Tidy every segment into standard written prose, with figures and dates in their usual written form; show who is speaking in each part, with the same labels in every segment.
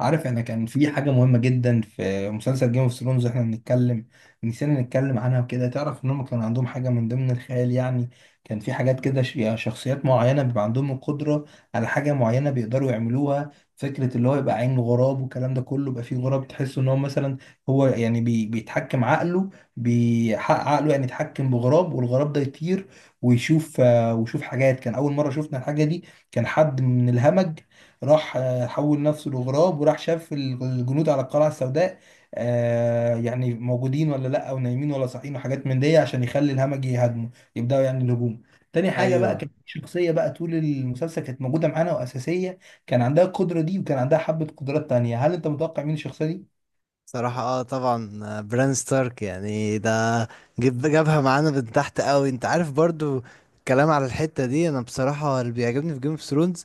Speaker 1: عارف، انا كان في حاجة مهمة جدا في مسلسل جيم اوف ثرونز احنا بنتكلم، نسينا نتكلم عنها وكده. تعرف ان هم كان عندهم حاجة من ضمن الخيال، يعني كان في حاجات كده يعني شخصيات معينة بيبقى عندهم القدرة على حاجة معينة بيقدروا يعملوها. فكرة اللي هو يبقى عين غراب والكلام ده كله، يبقى فيه غراب تحس ان هو مثلا هو يعني بيتحكم عقله، بيحقق عقله يعني يتحكم بغراب والغراب ده يطير ويشوف ويشوف حاجات. كان اول مرة شفنا الحاجة دي، كان حد من الهمج راح حول نفسه لغراب، وراح شاف الجنود على القلعة السوداء يعني موجودين ولا لا او نايمين ولا صاحيين وحاجات من دي، عشان يخلي الهمج يهاجمه، يبداوا يعني الهجوم. تاني حاجة بقى،
Speaker 2: ايوه،
Speaker 1: كانت في شخصية بقى طول المسلسل كانت موجودة معانا وأساسية، كان عندها القدرة دي وكان عندها حبة قدرات تانية. هل أنت متوقع مين الشخصية دي؟
Speaker 2: صراحة اه طبعا بران ستارك يعني ده. جابها معانا من تحت قوي، انت عارف برضو. الكلام على الحتة دي، انا بصراحة اللي بيعجبني في جيم اوف ثرونز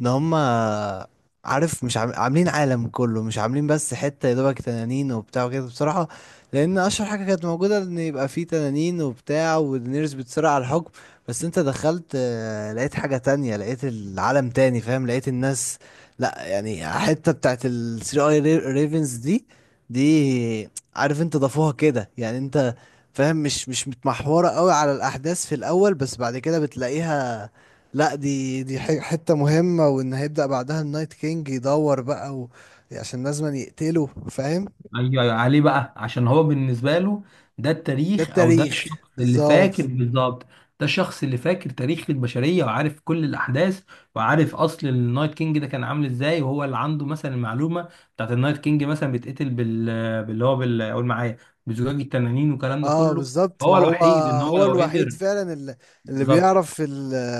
Speaker 2: ان هما عارف مش عام- عاملين عالم كله، مش عاملين بس حتة يا دوبك تنانين وبتاع وكده، بصراحة. لان اشهر حاجة كانت موجودة ان يبقى فيه تنانين وبتاع ودينيرز بتصارع على الحكم. بس انت دخلت لقيت حاجة تانية، لقيت العالم تاني، فاهم، لقيت الناس. لا يعني حتة بتاعت ال 3 اي ريفنز دي، دي عارف انت ضافوها كده، يعني انت فاهم. مش متمحورة قوي على الأحداث في الأول، بس بعد كده بتلاقيها. لا دي حتة مهمة، وإن هيبدأ بعدها النايت كينج يدور بقى و... عشان لازم يقتله، فاهم.
Speaker 1: ايوه ايوه، عليه بقى، عشان هو بالنسبه له ده
Speaker 2: ده
Speaker 1: التاريخ، او ده
Speaker 2: التاريخ
Speaker 1: الشخص اللي
Speaker 2: بالظبط.
Speaker 1: فاكر بالظبط. ده الشخص اللي فاكر تاريخ البشريه وعارف كل الاحداث، وعارف اصل النايت كينج ده كان عامل ازاي، وهو اللي عنده مثلا المعلومه بتاعت النايت كينج. مثلا بيتقتل بال باللي هو بال قول معايا، بزجاج التنانين والكلام ده
Speaker 2: اه
Speaker 1: كله.
Speaker 2: بالظبط، ما
Speaker 1: فهو
Speaker 2: هو
Speaker 1: الوحيد ان هو
Speaker 2: هو
Speaker 1: لو
Speaker 2: الوحيد
Speaker 1: قدر.
Speaker 2: فعلا اللي
Speaker 1: بالظبط،
Speaker 2: بيعرف، اللي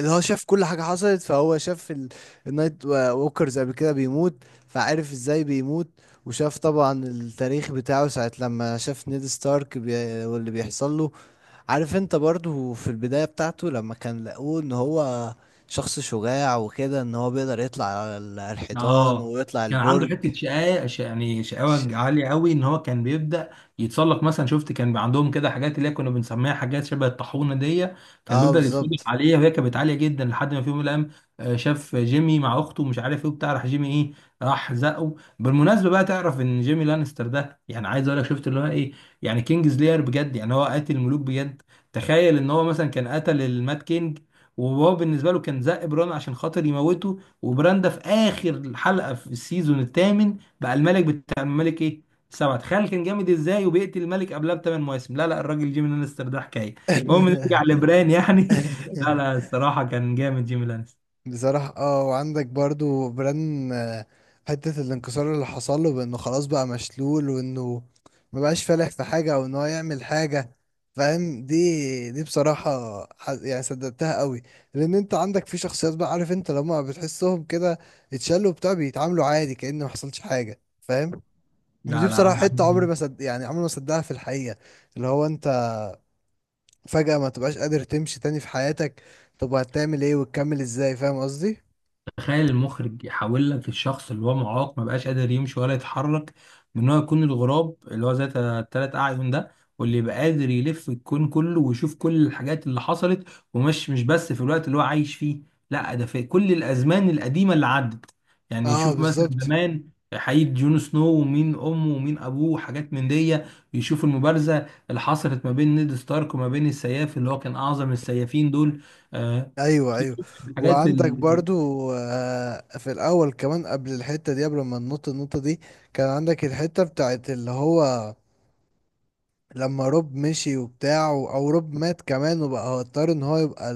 Speaker 2: هو شاف كل حاجة حصلت، فهو شاف النايت ووكرز قبل كده بيموت، فعرف ازاي بيموت. وشاف طبعا التاريخ بتاعه ساعة لما شاف نيد ستارك واللي بيحصل له. عارف انت برضو في البداية بتاعته لما كان لقوه ان هو شخص شجاع وكده، ان هو بيقدر يطلع على على الحيطان
Speaker 1: اه.
Speaker 2: ويطلع
Speaker 1: كان عنده
Speaker 2: البرج.
Speaker 1: حته شقاوه، يعني شقاوه
Speaker 2: ش-
Speaker 1: عاليه قوي، ان هو كان بيبدا يتسلق مثلا. شفت كان بيبقى عندهم كده حاجات اللي هي كنا بنسميها حاجات شبه الطاحونه دي، كان
Speaker 2: اه
Speaker 1: بيفضل يتسلق
Speaker 2: بالظبط.
Speaker 1: عليها وهي كانت عاليه جدا، لحد ما في يوم من الايام شاف جيمي مع اخته مش عارف ايه وبتاع، راح جيمي ايه؟ راح زقه. بالمناسبه بقى، تعرف ان جيمي لانستر ده، يعني عايز اقول لك شفت اللي هو ايه، يعني كينجز لير بجد، يعني هو قاتل الملوك بجد. تخيل ان هو مثلا كان قتل المات كينج، وهو بالنسبه له كان زق بران عشان خاطر يموته. وبراندا في اخر حلقه في السيزون الثامن بقى الملك، بتاع الملك ايه، سبعة. تخيل كان جامد ازاي، وبيقتل الملك قبلها بثمان مواسم. لا لا، الراجل جيمي لانستر ده حكايه. المهم نرجع لبران يعني لا لا، الصراحه كان جامد جيمي لانستر.
Speaker 2: بصراحة اه وعندك برضو بران حتة الانكسار اللي حصل له بانه خلاص بقى مشلول، وانه مبقاش فالح في حاجة او ان هو يعمل حاجة، فاهم. دي بصراحة يعني صدقتها قوي. لان انت عندك في شخصيات بقى، عارف انت لما بتحسهم كده اتشالوا بتاع بيتعاملوا عادي كأن ما حصلش حاجة، فاهم. ودي
Speaker 1: لا
Speaker 2: بصراحة
Speaker 1: لا،
Speaker 2: حتة عمري ما صد... يعني عمري ما صدقها في الحقيقة، اللي هو انت فجأة ما تبقاش قادر تمشي تاني في حياتك، طب هتعمل ايه وتكمل ازاي، فاهم قصدي.
Speaker 1: تخيل المخرج يحول لك الشخص اللي هو معاق، ما بقاش قادر يمشي ولا يتحرك، من هو يكون الغراب اللي هو ذات 3 اعين ده، واللي يبقى قادر يلف الكون كله ويشوف كل الحاجات اللي حصلت. ومش مش بس في الوقت اللي هو عايش فيه، لا ده في كل الازمان القديمه اللي عدت. يعني
Speaker 2: اه
Speaker 1: يشوف مثلا
Speaker 2: بالظبط.
Speaker 1: زمان حقيقة جون سنو، ومين امه ومين ابوه وحاجات من دي. يشوف المبارزه اللي حصلت ما بين نيد ستارك وما بين السياف اللي هو كان اعظم السيافين دول. آه،
Speaker 2: ايوه، ايوه
Speaker 1: يشوف الحاجات
Speaker 2: وعندك
Speaker 1: اللي
Speaker 2: برضو آه في الاول كمان قبل الحته دي، قبل ما ننط النقطه دي، كان عندك الحته بتاعت اللي هو لما روب مشي وبتاع، او روب مات كمان، وبقى هو اضطر ان هو يبقى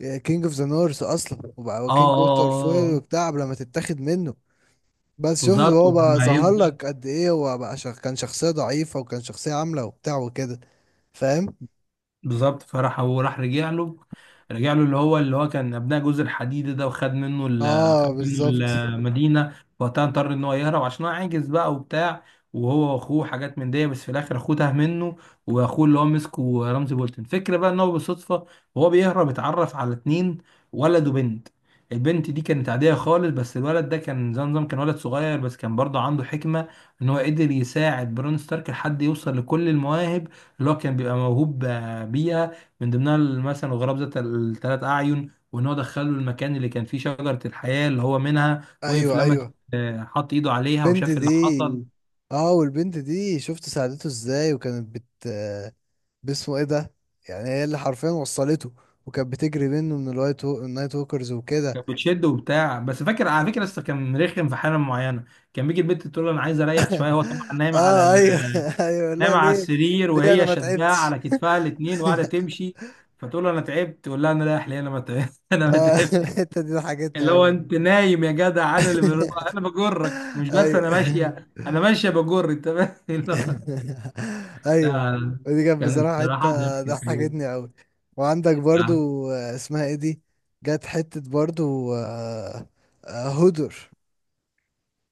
Speaker 2: الكينج اوف ذا نورث اصلا، وبقى هو
Speaker 1: اه اه
Speaker 2: كينج ووتر
Speaker 1: اه
Speaker 2: فويل
Speaker 1: آه.
Speaker 2: وبتاع قبل ما تتاخد منه. بس شفت
Speaker 1: بالظبط
Speaker 2: هو بقى ظهر لك قد ايه، هو بقى كان شخصيه ضعيفه وكان شخصيه عامله وبتاع وكده، فاهم.
Speaker 1: بالظبط، فراح هو راح رجع له. اللي هو كان ابناء جوز الحديد ده، وخد منه ال
Speaker 2: اه
Speaker 1: خد منه
Speaker 2: بالظبط.
Speaker 1: المدينه وقتها اضطر ان هو يهرب عشان هو عاجز بقى وبتاع، وهو واخوه حاجات من دي. بس في الاخر اخوه تاه منه، واخوه اللي هو مسكه رمزي بولتن. فكرة بقى ان هو بالصدفه وهو بيهرب اتعرف على اتنين، ولد وبنت. البنت دي كانت عادية خالص، بس الولد ده كان زي نظام، كان ولد صغير بس كان برضه عنده حكمة، ان هو قدر يساعد برون ستارك لحد يوصل لكل المواهب اللي هو كان بيبقى موهوب بيئة. من ضمنها مثلا الغراب ذات 3 أعين، وإن هو دخله المكان اللي كان فيه شجرة الحياة اللي هو منها، وقف
Speaker 2: ايوه،
Speaker 1: لما
Speaker 2: ايوه
Speaker 1: حط إيده عليها
Speaker 2: البنت
Speaker 1: وشاف
Speaker 2: دي.
Speaker 1: اللي حصل.
Speaker 2: اه والبنت دي شفت ساعدته ازاي، وكانت باسمه ايه ده، يعني هي اللي حرفيا وصلته، وكانت بتجري منه من النايت ووكرز وكده.
Speaker 1: كانت بتشد وبتاع، بس فاكر على فكرة لسه كان رخم في حالة معينة، كان بيجي البنت تقول له أنا عايز أريح شوية، هو طبعا نايم على
Speaker 2: اه، ايوه. ايوه، لا ليه،
Speaker 1: السرير
Speaker 2: ليه انا
Speaker 1: وهي
Speaker 2: ما
Speaker 1: شداه
Speaker 2: تعبتش.
Speaker 1: على كتفها الاتنين وقاعدة تمشي. فتقول له أنا تعبت، تقول لها أنا رايح ليه؟ أنا ما تعبت أنا ما
Speaker 2: اه
Speaker 1: تعبتش.
Speaker 2: الحته دي ضحكتني
Speaker 1: اللي هو
Speaker 2: اوي والله.
Speaker 1: انت نايم يا جدع، انا بجرك، مش بس انا
Speaker 2: ايوه.
Speaker 1: ماشيه، انا ماشيه بجر، انت فاهم؟ لا
Speaker 2: ايوه،
Speaker 1: لا،
Speaker 2: ودي كانت
Speaker 1: كان
Speaker 2: بصراحه حته
Speaker 1: الصراحه ضحك الحقيقه.
Speaker 2: ضحكتني قوي. وعندك برضو اسمها ايه دي، جت حته برضو هدر.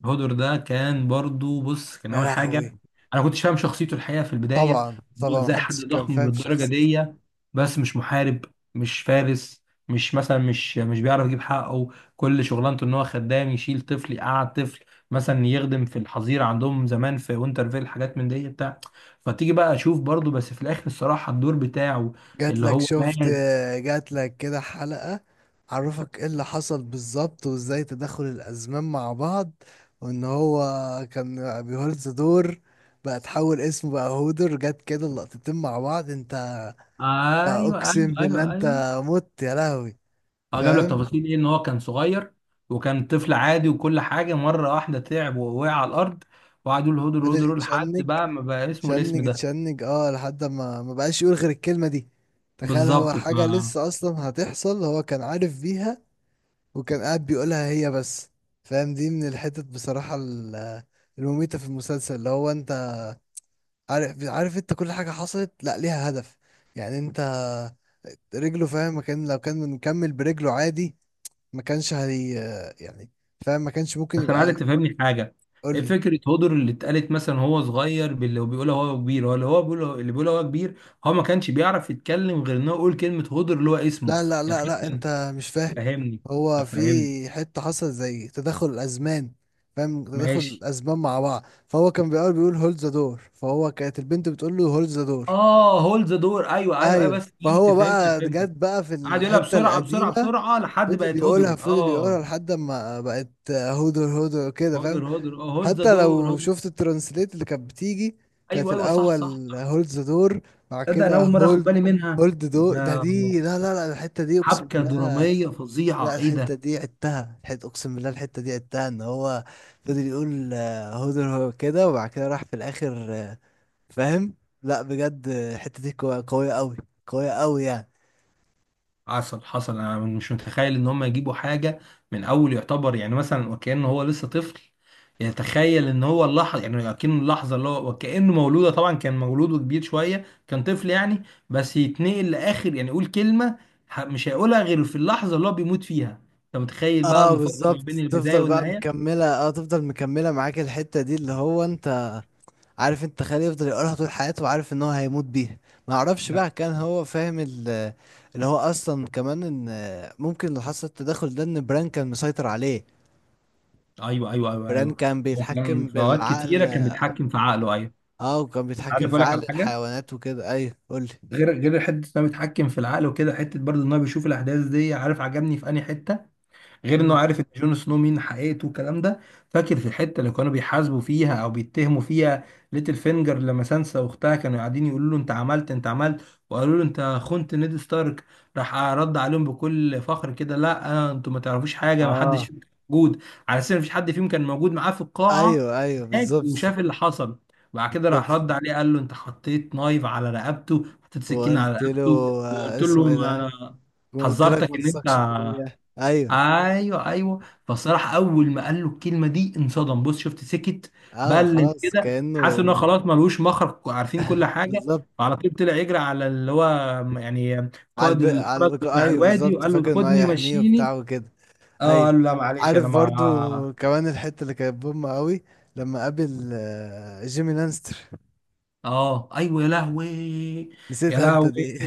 Speaker 1: هودر ده كان برضو، بص، كان
Speaker 2: يا
Speaker 1: اول حاجه
Speaker 2: لهوي،
Speaker 1: انا كنتش فاهم شخصيته الحقيقه في البدايه،
Speaker 2: طبعا
Speaker 1: إن هو
Speaker 2: طبعا
Speaker 1: ازاي حد
Speaker 2: محدش كان
Speaker 1: ضخم
Speaker 2: فاهم
Speaker 1: بالدرجه
Speaker 2: شخصيتي.
Speaker 1: دي بس مش محارب، مش فارس، مش مثلا مش مش بيعرف يجيب حقه، كل شغلانته ان هو خدام، يشيل طفل يقعد طفل، مثلا يخدم في الحظيره عندهم زمان في وينترفيل، حاجات من دي بتاع. فتيجي بقى اشوف برضو، بس في الاخر الصراحه الدور بتاعه
Speaker 2: جات
Speaker 1: اللي
Speaker 2: لك
Speaker 1: هو
Speaker 2: شفت
Speaker 1: مات.
Speaker 2: جات لك كده حلقه عرفك ايه اللي حصل بالظبط، وازاي تدخل الازمان مع بعض، وان هو كان بيهولز دور، بقى تحول اسمه بقى هودر، جت كده اللقطتين مع بعض، انت
Speaker 1: ايوه ايوه
Speaker 2: اقسم بالله،
Speaker 1: ايوه
Speaker 2: انت
Speaker 1: ايوه.
Speaker 2: مت يا لهوي،
Speaker 1: اه، جاب لك
Speaker 2: فاهم.
Speaker 1: تفاصيل ايه، ان هو كان صغير وكان طفل عادي، وكل حاجه مره واحده تعب ووقع على الارض، وقعدوا يقولوا هدر هدر
Speaker 2: فضل
Speaker 1: هدر، لحد
Speaker 2: يتشنج
Speaker 1: بقى ما بقى اسمه الاسم
Speaker 2: يتشنج
Speaker 1: ده.
Speaker 2: يتشنج اه لحد ما ما بقاش يقول غير الكلمة دي. تخيل هو
Speaker 1: بالظبط،
Speaker 2: حاجة لسه اصلا هتحصل، هو كان عارف بيها، وكان قاعد بيقولها هي بس، فاهم. دي من الحتت بصراحة المميتة في المسلسل، اللي هو انت عارف انت كل حاجة حصلت لا ليها هدف، يعني انت رجله، فاهم، ما كان لو كان مكمل برجله عادي ما كانش هي يعني، فاهم، ما كانش ممكن
Speaker 1: بس انا
Speaker 2: يبقى.
Speaker 1: عايزك تفهمني حاجه:
Speaker 2: قول
Speaker 1: ايه
Speaker 2: لي.
Speaker 1: فكره هدر اللي اتقالت مثلا هو صغير، باللي هو بيقولها هو كبير، هو اللي هو بيقوله اللي بيقوله هو كبير، هو ما كانش بيعرف يتكلم غير انه يقول كلمه هدر اللي هو اسمه،
Speaker 2: لا لا
Speaker 1: يعني
Speaker 2: لا لا،
Speaker 1: حتى.
Speaker 2: انت مش فاهم.
Speaker 1: فهمني،
Speaker 2: هو في
Speaker 1: فهمني.
Speaker 2: حتة حصل زي تدخل الأزمان، فاهم، تدخل
Speaker 1: ماشي،
Speaker 2: الأزمان مع بعض، فهو كان بيقول هولد ذا دور، فهو كانت البنت بتقول له هولد ذا دور.
Speaker 1: اه، هولد ذا دور، ايوه ايوه ايوه، بس
Speaker 2: ايوه،
Speaker 1: فهمت
Speaker 2: فهو
Speaker 1: فهمت
Speaker 2: بقى
Speaker 1: فهمت.
Speaker 2: جت بقى في
Speaker 1: قعد يقولها
Speaker 2: الحتة
Speaker 1: بسرعه بسرعه
Speaker 2: القديمة،
Speaker 1: بسرعه لحد
Speaker 2: فضل
Speaker 1: بقت
Speaker 2: يقولها
Speaker 1: هدر.
Speaker 2: فضل يقولها
Speaker 1: اه،
Speaker 2: لحد ما بقت هودر هودر كده، فاهم.
Speaker 1: هدر هدر. اه، هولد ذا
Speaker 2: حتى
Speaker 1: دور،
Speaker 2: لو
Speaker 1: هدر.
Speaker 2: شفت الترانسليت اللي كانت بتيجي، كانت
Speaker 1: ايوه ايوه، صح صح
Speaker 2: الأول
Speaker 1: صح.
Speaker 2: هولد ذا دور، بعد
Speaker 1: تصدق انا
Speaker 2: كده
Speaker 1: اول مره اخد بالي منها
Speaker 2: هولد دور ده.
Speaker 1: ده!
Speaker 2: دي لا لا لا، الحتة دي أقسم
Speaker 1: حبكه
Speaker 2: بالله.
Speaker 1: دراميه فظيعه،
Speaker 2: لا،
Speaker 1: ايه
Speaker 2: الحتة
Speaker 1: ده!
Speaker 2: دي عدتها، الحتة أقسم بالله، الحتة دي عدتها إن هو فضل يقول هدر، هو كده، وبعد كده راح في الآخر فاهم. لا بجد الحتة دي قوية قوية أوي، قوية أوي يعني.
Speaker 1: حصل حصل، انا مش متخيل ان هم يجيبوا حاجه من اول يعتبر، يعني مثلا وكانه هو لسه طفل، يتخيل ان هو اللحظه، يعني اكنه اللحظه اللي هو، وكانه مولوده، طبعا كان مولوده كبير شويه، كان طفل يعني، بس يتنقل لاخر، يعني يقول كلمه مش هيقولها غير في اللحظه اللي هو بيموت فيها. انت متخيل بقى
Speaker 2: اه
Speaker 1: المفارقه ما بين
Speaker 2: بالظبط،
Speaker 1: البدايه
Speaker 2: تفضل بقى
Speaker 1: والنهايه؟
Speaker 2: مكملة، اه تفضل مكملة معاك الحتة دي، اللي هو انت عارف انت خالي يفضل يقولها طول حياته، وعارف ان هو هيموت بيها. ما اعرفش
Speaker 1: نعم.
Speaker 2: بقى كان هو فاهم اللي هو اصلا كمان ان ممكن اللي حصل التدخل ده، ان بران كان مسيطر عليه.
Speaker 1: ايوه ايوه ايوه
Speaker 2: بران
Speaker 1: ايوه،
Speaker 2: كان
Speaker 1: وكان
Speaker 2: بيتحكم
Speaker 1: في اوقات كتيره
Speaker 2: بالعقل.
Speaker 1: كان بيتحكم في عقله، ايوه.
Speaker 2: اه وكان
Speaker 1: عارف
Speaker 2: بيتحكم في
Speaker 1: اقول لك
Speaker 2: عقل
Speaker 1: على حاجه؟
Speaker 2: الحيوانات وكده، ايوه قول لي.
Speaker 1: غير حته انه بيتحكم في العقل وكده، حته برضه ان هو بيشوف الاحداث دي. عارف عجبني في انهي حته؟ غير انه
Speaker 2: مم.
Speaker 1: عارف ان جون سنو مين حقيقته والكلام ده، فاكر في الحته اللي كانوا بيحاسبوا فيها او بيتهموا فيها ليتل فينجر، لما سانسا واختها كانوا قاعدين يقولوا له: انت عملت، انت عملت، وقالوا له انت خنت نيد ستارك. راح رد عليهم بكل فخر كده: لا انتوا ما تعرفوش حاجه، ما حدش
Speaker 2: اه،
Speaker 1: فيكم موجود. على اساس ان مفيش حد فيهم كان موجود معاه في القاعه
Speaker 2: ايوه، ايوه
Speaker 1: هناك
Speaker 2: بالظبط.
Speaker 1: وشاف اللي حصل. بعد كده راح
Speaker 2: بالظبط
Speaker 1: رد عليه، قال له: انت حطيت نايف على رقبته، حطيت سكين على
Speaker 2: وقلت له
Speaker 1: رقبته، وقلت له
Speaker 2: اسمه ايه
Speaker 1: ما
Speaker 2: ده،
Speaker 1: انا
Speaker 2: قلت لك ما
Speaker 1: حذرتك ان انت.
Speaker 2: تثقش فيا، ايوه.
Speaker 1: ايوه ايوه. فالصراحه اول ما قال له الكلمه دي انصدم، بص شفت سكت
Speaker 2: اه
Speaker 1: بلل
Speaker 2: خلاص
Speaker 1: كده،
Speaker 2: كأنه
Speaker 1: حاسس ان هو خلاص ملوش مخرج، عارفين كل حاجه.
Speaker 2: بالظبط
Speaker 1: فعلى طول طلع يجري على اللي هو، يعني قائد الحرس بتاع
Speaker 2: ايوه
Speaker 1: الوادي،
Speaker 2: بالظبط،
Speaker 1: وقال له
Speaker 2: فاكر انه
Speaker 1: خدني
Speaker 2: هيحميه وبتاع
Speaker 1: ومشيني.
Speaker 2: وكده.
Speaker 1: اه،
Speaker 2: ايوه،
Speaker 1: قال له لا معلش انا
Speaker 2: عارف
Speaker 1: ما.
Speaker 2: برضو كمان الحتة اللي كانت بوم قوي لما قابل جيمي لانستر،
Speaker 1: اه، ايوه يا لهوي، يا
Speaker 2: نسيتها انت
Speaker 1: لهوي.
Speaker 2: دي.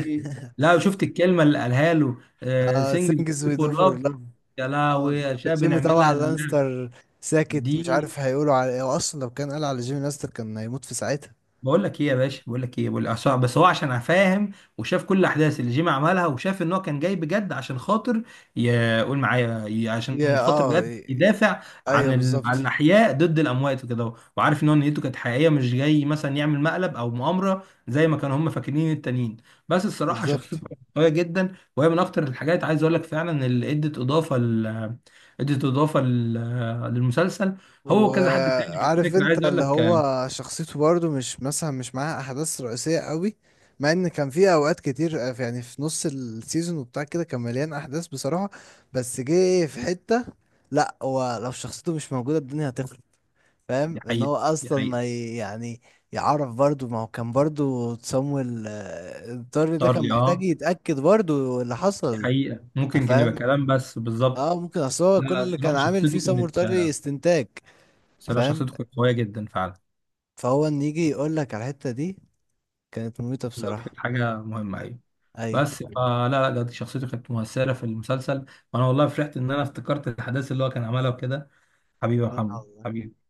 Speaker 1: لا شفت الكلمه اللي قالها له؟
Speaker 2: اه،
Speaker 1: سينجز
Speaker 2: سينجز وي دو
Speaker 1: فور
Speaker 2: فور
Speaker 1: لاف.
Speaker 2: لاف.
Speaker 1: يا لهوي
Speaker 2: اه،
Speaker 1: يا شباب،
Speaker 2: جيمي طبعا
Speaker 1: بنعملها لله.
Speaker 2: لانستر ساكت مش
Speaker 1: دي
Speaker 2: عارف هيقولوا على ايه، هو اصلا لو كان قال على جيمي لانستر كان هيموت في ساعتها.
Speaker 1: بقول لك ايه يا باشا، بقول لك ايه، بقول عشان بس هو عشان فاهم وشاف كل الاحداث اللي جيمي عملها، وشاف ان هو كان جاي بجد عشان خاطر عشان
Speaker 2: يا
Speaker 1: خاطر
Speaker 2: اه
Speaker 1: بجد
Speaker 2: ي-
Speaker 1: يدافع
Speaker 2: ايوه
Speaker 1: عن
Speaker 2: بالظبط،
Speaker 1: الاحياء ضد الاموات وكده اهو. وعارف ان هو نيته كانت حقيقيه، مش جاي مثلا يعمل مقلب او مؤامره زي ما كانوا هم فاكرين التانيين. بس الصراحه
Speaker 2: بالظبط.
Speaker 1: شخصيته كانت قويه جدا، وهي من اكتر الحاجات عايز اقول لك فعلا اللي ادت اضافه للمسلسل. هو كذا حد تاني على
Speaker 2: وعارف
Speaker 1: فكره، عايز
Speaker 2: انت
Speaker 1: اقول
Speaker 2: اللي
Speaker 1: لك
Speaker 2: هو شخصيته برضه مش مثلا مش معاها احداث رئيسيه قوي، مع ان كان في اوقات كتير يعني في نص السيزون وبتاع كده كان مليان احداث بصراحه، بس جه في حته. لا هو لو شخصيته مش موجوده الدنيا هتخرب،
Speaker 1: دي
Speaker 2: فاهم ان
Speaker 1: حقيقه،
Speaker 2: هو
Speaker 1: دي
Speaker 2: اصلا
Speaker 1: حقيقة.
Speaker 2: ما ي- يعني يعرف برضو، ما هو كان برضو تسامويل الضر ده
Speaker 1: اختار
Speaker 2: كان
Speaker 1: لي،
Speaker 2: محتاج
Speaker 1: اه.
Speaker 2: يتأكد برضو اللي
Speaker 1: دي
Speaker 2: حصل،
Speaker 1: حقيقة ممكن كان
Speaker 2: فاهم.
Speaker 1: يبقى كلام بس، بالظبط.
Speaker 2: اه ممكن اصل هو
Speaker 1: لا
Speaker 2: كل
Speaker 1: لا،
Speaker 2: اللي كان عامل فيه سامويل طري استنتاج،
Speaker 1: الصراحة
Speaker 2: فاهم،
Speaker 1: شخصيته كانت قوية جدا فعلا.
Speaker 2: فهو ان يجي يقول لك على الحتة دي كانت مميتة
Speaker 1: بالظبط،
Speaker 2: بصراحة.
Speaker 1: كانت حاجة مهمة، أيوة.
Speaker 2: ايوه
Speaker 1: بس فلا لا لا، بجد شخصيته كانت مؤثرة في المسلسل. وأنا والله فرحت إن أنا افتكرت الأحداث اللي هو كان عملها وكده. حبيبي يا محمد،
Speaker 2: والله.
Speaker 1: حبيبي.